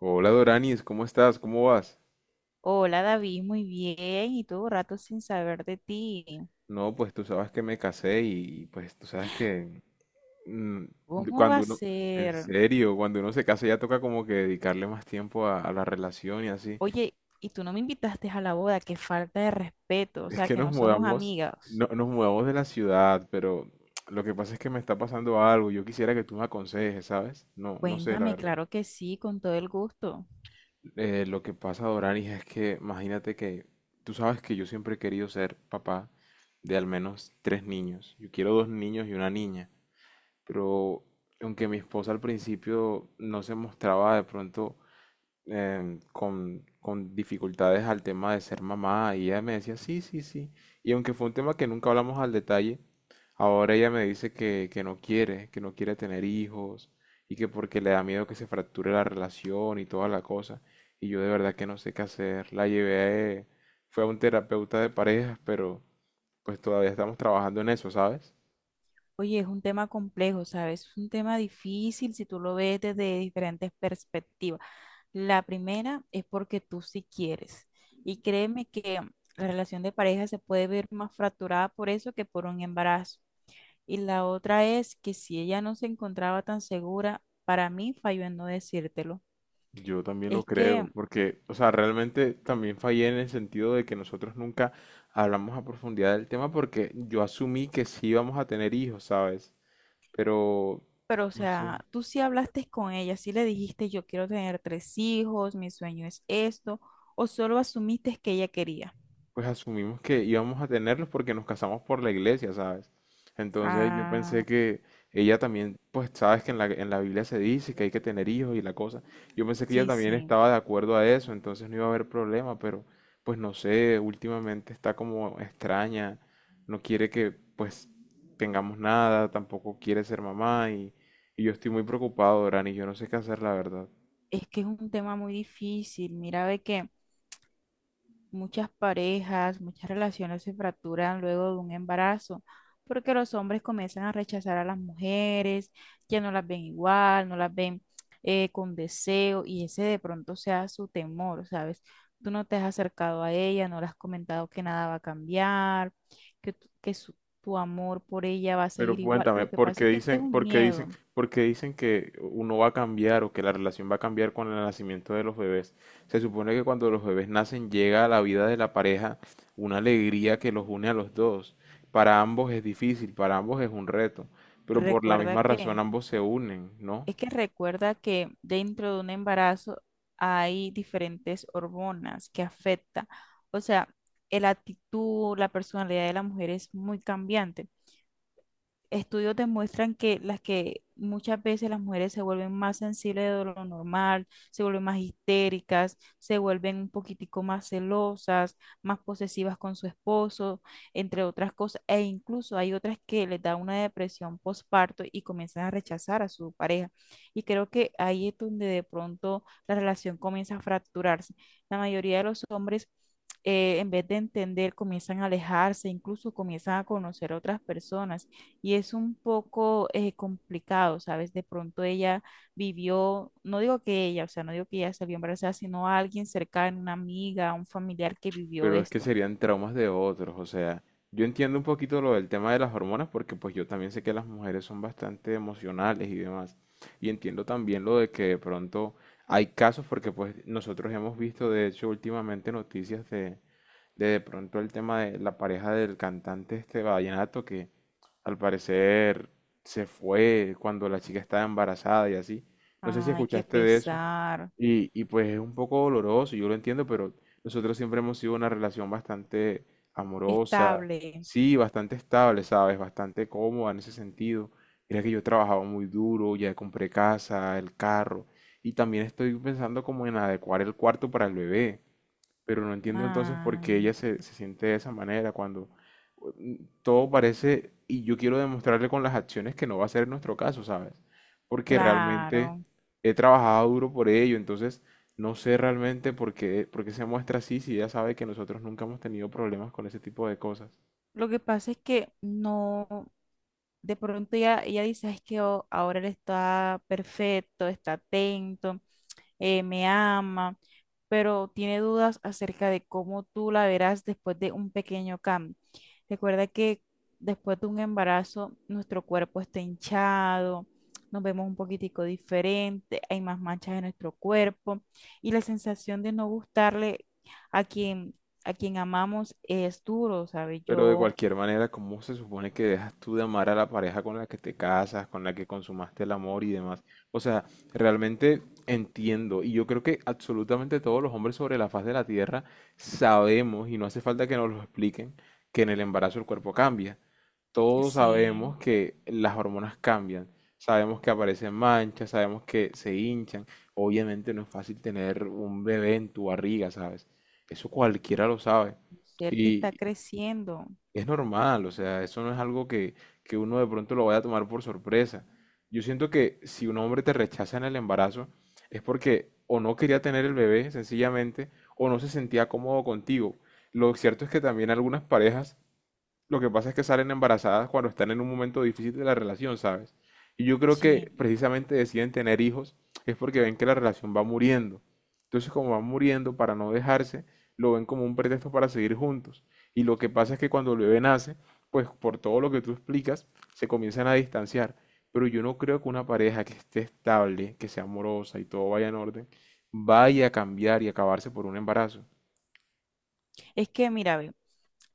Hola Doranis, ¿cómo estás? ¿Cómo vas? Hola David, muy bien. Y todo rato sin saber de ti. No, pues tú sabes que me casé y pues tú sabes que mm, ¿Cómo va cuando a uno, en ser? serio, cuando uno se casa ya toca como que dedicarle más tiempo a la relación y así. Oye, y tú no me invitaste a la boda, qué falta de respeto, o Es sea, que que nos no somos mudamos, amigas. no, nos mudamos de la ciudad, pero lo que pasa es que me está pasando algo. Yo quisiera que tú me aconsejes, ¿sabes? No, no sé, la Cuéntame, verdad. claro que sí, con todo el gusto. Lo que pasa, Doranis, es que imagínate que tú sabes que yo siempre he querido ser papá de al menos tres niños. Yo quiero dos niños y una niña. Pero aunque mi esposa al principio no se mostraba de pronto con dificultades al tema de ser mamá, y ella me decía, sí, sí, sí, y aunque fue un tema que nunca hablamos al detalle, ahora ella me dice que no quiere tener hijos, y que porque le da miedo que se fracture la relación y toda la cosa, y yo de verdad que no sé qué hacer, la llevé, fue a un terapeuta de parejas, pero pues todavía estamos trabajando en eso, ¿sabes? Oye, es un tema complejo, ¿sabes? Es un tema difícil si tú lo ves desde diferentes perspectivas. La primera es porque tú sí quieres. Y créeme que la relación de pareja se puede ver más fracturada por eso que por un embarazo. Y la otra es que si ella no se encontraba tan segura, para mí falló en no decírtelo. Yo también lo Es que, creo, porque, o sea, realmente también fallé en el sentido de que nosotros nunca hablamos a profundidad del tema porque yo asumí que sí íbamos a tener hijos, ¿sabes? Pero, pero o no sé. sea, tú sí hablaste con ella, sí le dijiste yo quiero tener tres hijos, mi sueño es esto, o solo asumiste que ella quería. Pues asumimos que íbamos a tenerlos porque nos casamos por la iglesia, ¿sabes? Entonces yo pensé Ah, que ella también, pues sabes que en la Biblia se dice que hay que tener hijos y la cosa. Yo pensé que ella sí, también sí. estaba de acuerdo a eso, entonces no iba a haber problema, pero pues no sé, últimamente está como extraña, no quiere que pues tengamos nada, tampoco quiere ser mamá y yo estoy muy preocupado, Dorani, yo no sé qué hacer, la verdad. Es que es un tema muy difícil. Mira, ve que muchas parejas, muchas relaciones se fracturan luego de un embarazo, porque los hombres comienzan a rechazar a las mujeres, ya no las ven igual, no las ven con deseo, y ese de pronto sea su temor, ¿sabes? Tú no te has acercado a ella, no le has comentado que nada va a cambiar, que tu amor por ella va a Pero seguir igual. cuéntame, Lo que ¿por pasa qué es que este es dicen, un por qué dicen, miedo. por qué dicen que uno va a cambiar o que la relación va a cambiar con el nacimiento de los bebés? Se supone que cuando los bebés nacen llega a la vida de la pareja una alegría que los une a los dos. Para ambos es difícil, para ambos es un reto, pero por la Recuerda misma razón que ambos se unen, ¿no? es que recuerda que dentro de un embarazo hay diferentes hormonas que afectan. O sea, la actitud, la personalidad de la mujer es muy cambiante, estudios demuestran que las que muchas veces las mujeres se vuelven más sensibles de lo normal, se vuelven más histéricas, se vuelven un poquitico más celosas, más posesivas con su esposo, entre otras cosas, e incluso hay otras que les da una depresión postparto y comienzan a rechazar a su pareja. Y creo que ahí es donde de pronto la relación comienza a fracturarse. La mayoría de los hombres, en vez de entender, comienzan a alejarse, incluso comienzan a conocer a otras personas y es un poco complicado, ¿sabes? De pronto ella vivió, no digo que ella, o sea, no digo que ella salió embarazada, sino a alguien cercano, una amiga, un familiar que vivió Pero es que esto. serían traumas de otros, o sea, yo entiendo un poquito lo del tema de las hormonas porque pues yo también sé que las mujeres son bastante emocionales y demás. Y entiendo también lo de que de pronto hay casos porque pues nosotros hemos visto de hecho últimamente noticias de de pronto el tema de la pareja del cantante este vallenato que al parecer se fue cuando la chica estaba embarazada y así. No sé si Ay, qué escuchaste de eso. pesar. Y pues es un poco doloroso, yo lo entiendo, pero nosotros siempre hemos sido una relación bastante amorosa, Estable. sí, bastante estable, ¿sabes? Bastante cómoda en ese sentido. Mira que yo trabajaba muy duro, ya compré casa, el carro, y también estoy pensando como en adecuar el cuarto para el bebé. Pero no entiendo entonces por qué Ay, ella se, se siente de esa manera cuando mm, todo parece, y yo quiero demostrarle con las acciones que no va a ser nuestro caso, ¿sabes? Porque realmente claro. he trabajado duro por ello, entonces no sé realmente por qué se muestra así si ella sabe que nosotros nunca hemos tenido problemas con ese tipo de cosas. Lo que pasa es que no, de pronto ella dice, es que oh, ahora él está perfecto, está atento, me ama, pero tiene dudas acerca de cómo tú la verás después de un pequeño cambio. Recuerda que después de un embarazo, nuestro cuerpo está hinchado, nos vemos un poquitico diferente, hay más manchas en nuestro cuerpo y la sensación de no gustarle a quien, a quien amamos es duro, ¿sabes? Pero de Yo, cualquier manera, ¿cómo se supone que dejas tú de amar a la pareja con la que te casas, con la que consumaste el amor y demás? O sea, realmente entiendo, y yo creo que absolutamente todos los hombres sobre la faz de la tierra sabemos, y no hace falta que nos lo expliquen, que en el embarazo el cuerpo cambia. Todos sí, sabemos que las hormonas cambian, sabemos que aparecen manchas, sabemos que se hinchan. Obviamente no es fácil tener un bebé en tu barriga, ¿sabes? Eso cualquiera lo sabe. un ser que está creciendo, Es normal, o sea, eso no es algo que uno de pronto lo vaya a tomar por sorpresa. Yo siento que si un hombre te rechaza en el embarazo es porque o no quería tener el bebé, sencillamente, o no se sentía cómodo contigo. Lo cierto es que también algunas parejas lo que pasa es que salen embarazadas cuando están en un momento difícil de la relación, ¿sabes? Y yo creo que sí. precisamente deciden tener hijos es porque ven que la relación va muriendo. Entonces, como van muriendo para no dejarse, lo ven como un pretexto para seguir juntos. Y lo que pasa es que cuando el bebé nace, pues por todo lo que tú explicas, se comienzan a distanciar. Pero yo no creo que una pareja que esté estable, que sea amorosa y todo vaya en orden, vaya a cambiar y acabarse por un embarazo. Es que, mira, ve.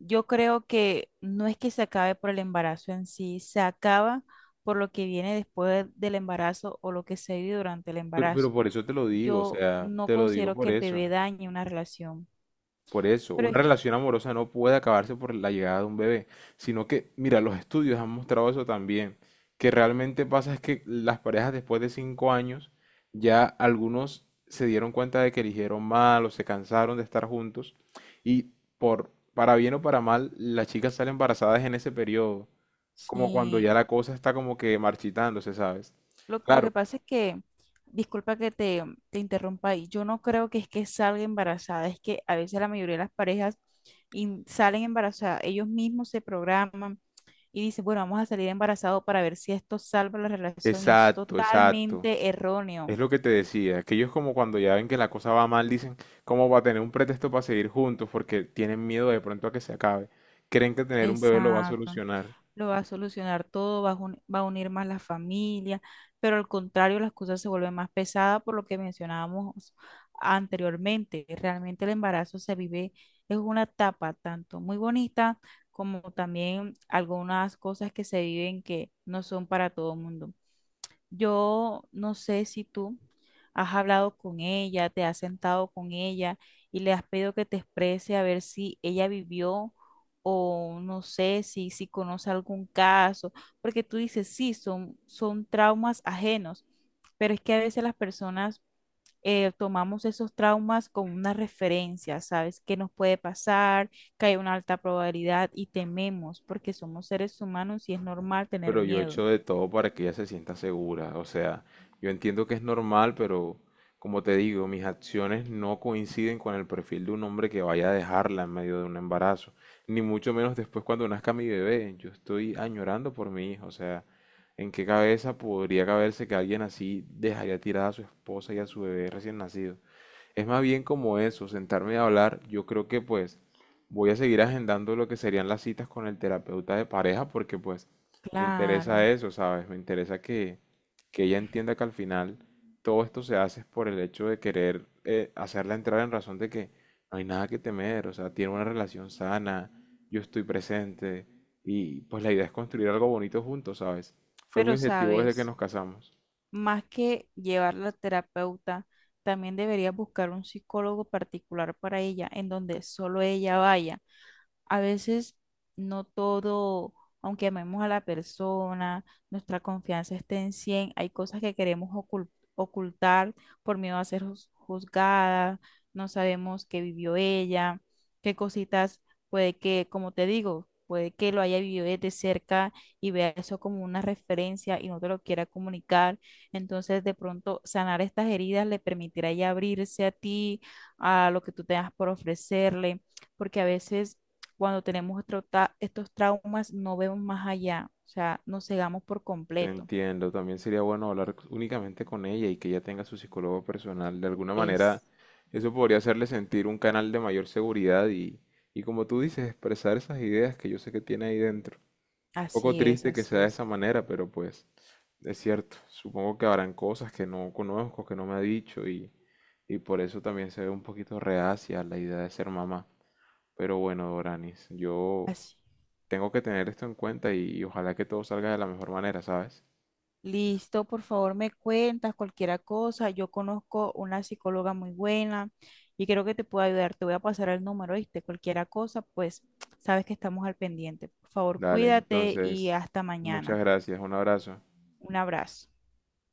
Yo creo que no es que se acabe por el embarazo en sí, se acaba por lo que viene después del embarazo o lo que se vive durante el Pero embarazo. por eso te lo digo, o Yo sea, no te lo digo considero por que el eso. bebé dañe una relación, Por eso, pero una es- relación amorosa no puede acabarse por la llegada de un bebé, sino que, mira, los estudios han mostrado eso también, que realmente pasa es que las parejas después de 5 años, ya algunos se dieron cuenta de que eligieron mal o se cansaron de estar juntos y por, para bien o para mal, las chicas salen embarazadas en ese periodo, como cuando ya sí, la cosa está como que marchitándose, ¿sabes? lo Claro, que pasa es que, disculpa que te interrumpa ahí, yo no creo que es que salga embarazada, es que a veces la mayoría de las parejas in- salen embarazadas, ellos mismos se programan y dice, bueno, vamos a salir embarazados para ver si esto salva la relación y es exacto, exacto. totalmente Es erróneo. lo que te decía, que ellos como cuando ya ven que la cosa va mal, dicen, ¿cómo va a tener un pretexto para seguir juntos? Porque tienen miedo de pronto a que se acabe. Creen que tener un bebé lo va a Exacto. solucionar. Lo va a solucionar todo, va a, jun- va a unir más la familia, pero al contrario, las cosas se vuelven más pesadas por lo que mencionábamos anteriormente. Realmente el embarazo se vive, es una etapa tanto muy bonita como también algunas cosas que se viven que no son para todo el mundo. Yo no sé si tú has hablado con ella, te has sentado con ella y le has pedido que te exprese a ver si ella vivió o no sé si, si conoce algún caso, porque tú dices, sí, son traumas ajenos, pero es que a veces las personas, tomamos esos traumas como una referencia, ¿sabes? Que nos puede pasar, que hay una alta probabilidad y tememos, porque somos seres humanos y es normal tener Pero yo he miedo. hecho de todo para que ella se sienta segura. O sea, yo entiendo que es normal, pero como te digo, mis acciones no coinciden con el perfil de un hombre que vaya a dejarla en medio de un embarazo. Ni mucho menos después cuando nazca mi bebé. Yo estoy añorando por mi hija. O sea, ¿en qué cabeza podría caberse que alguien así dejaría tirada a su esposa y a su bebé recién nacido? Es más bien como eso, sentarme a hablar. Yo creo que pues voy a seguir agendando lo que serían las citas con el terapeuta de pareja porque pues me Claro. interesa eso, ¿sabes? Me interesa que ella entienda que al final todo esto se hace es por el hecho de querer hacerla entrar en razón de que no hay nada que temer, o sea, tiene una relación sana, yo estoy presente y pues la idea es construir algo bonito juntos, ¿sabes? Fue mi Pero objetivo desde que sabes, nos casamos. más que llevarla a terapeuta, también debería buscar un psicólogo particular para ella, en donde solo ella vaya, a veces no todo, aunque amemos a la persona, nuestra confianza esté en cien, hay cosas que queremos ocultar por miedo a ser juzgada, no sabemos qué vivió ella, qué cositas puede que, como te digo, puede que lo haya vivido desde cerca y vea eso como una referencia y no te lo quiera comunicar. Entonces, de pronto, sanar estas heridas le permitirá ya abrirse a ti, a lo que tú tengas por ofrecerle, porque a veces cuando tenemos nuestro estos traumas no vemos más allá, o sea, nos cegamos por Te completo. entiendo, también sería bueno hablar únicamente con ella y que ella tenga su psicólogo personal. De alguna manera, Es, eso podría hacerle sentir un canal de mayor seguridad y como tú dices, expresar esas ideas que yo sé que tiene ahí dentro. Poco así es, triste que sea así de es, esa manera, pero pues es cierto. Supongo que habrán cosas que no conozco, que no me ha dicho y por eso también se ve un poquito reacia a la idea de ser mamá. Pero bueno, Doranis, yo así. tengo que tener esto en cuenta y ojalá que todo salga de la mejor manera, ¿sabes? Listo, por favor, me cuentas cualquier cosa. Yo conozco una psicóloga muy buena y creo que te puedo ayudar. Te voy a pasar el número, ¿viste? Cualquier cosa, pues sabes que estamos al pendiente. Por favor, Dale, cuídate y entonces, hasta muchas mañana. gracias, un abrazo. Un abrazo.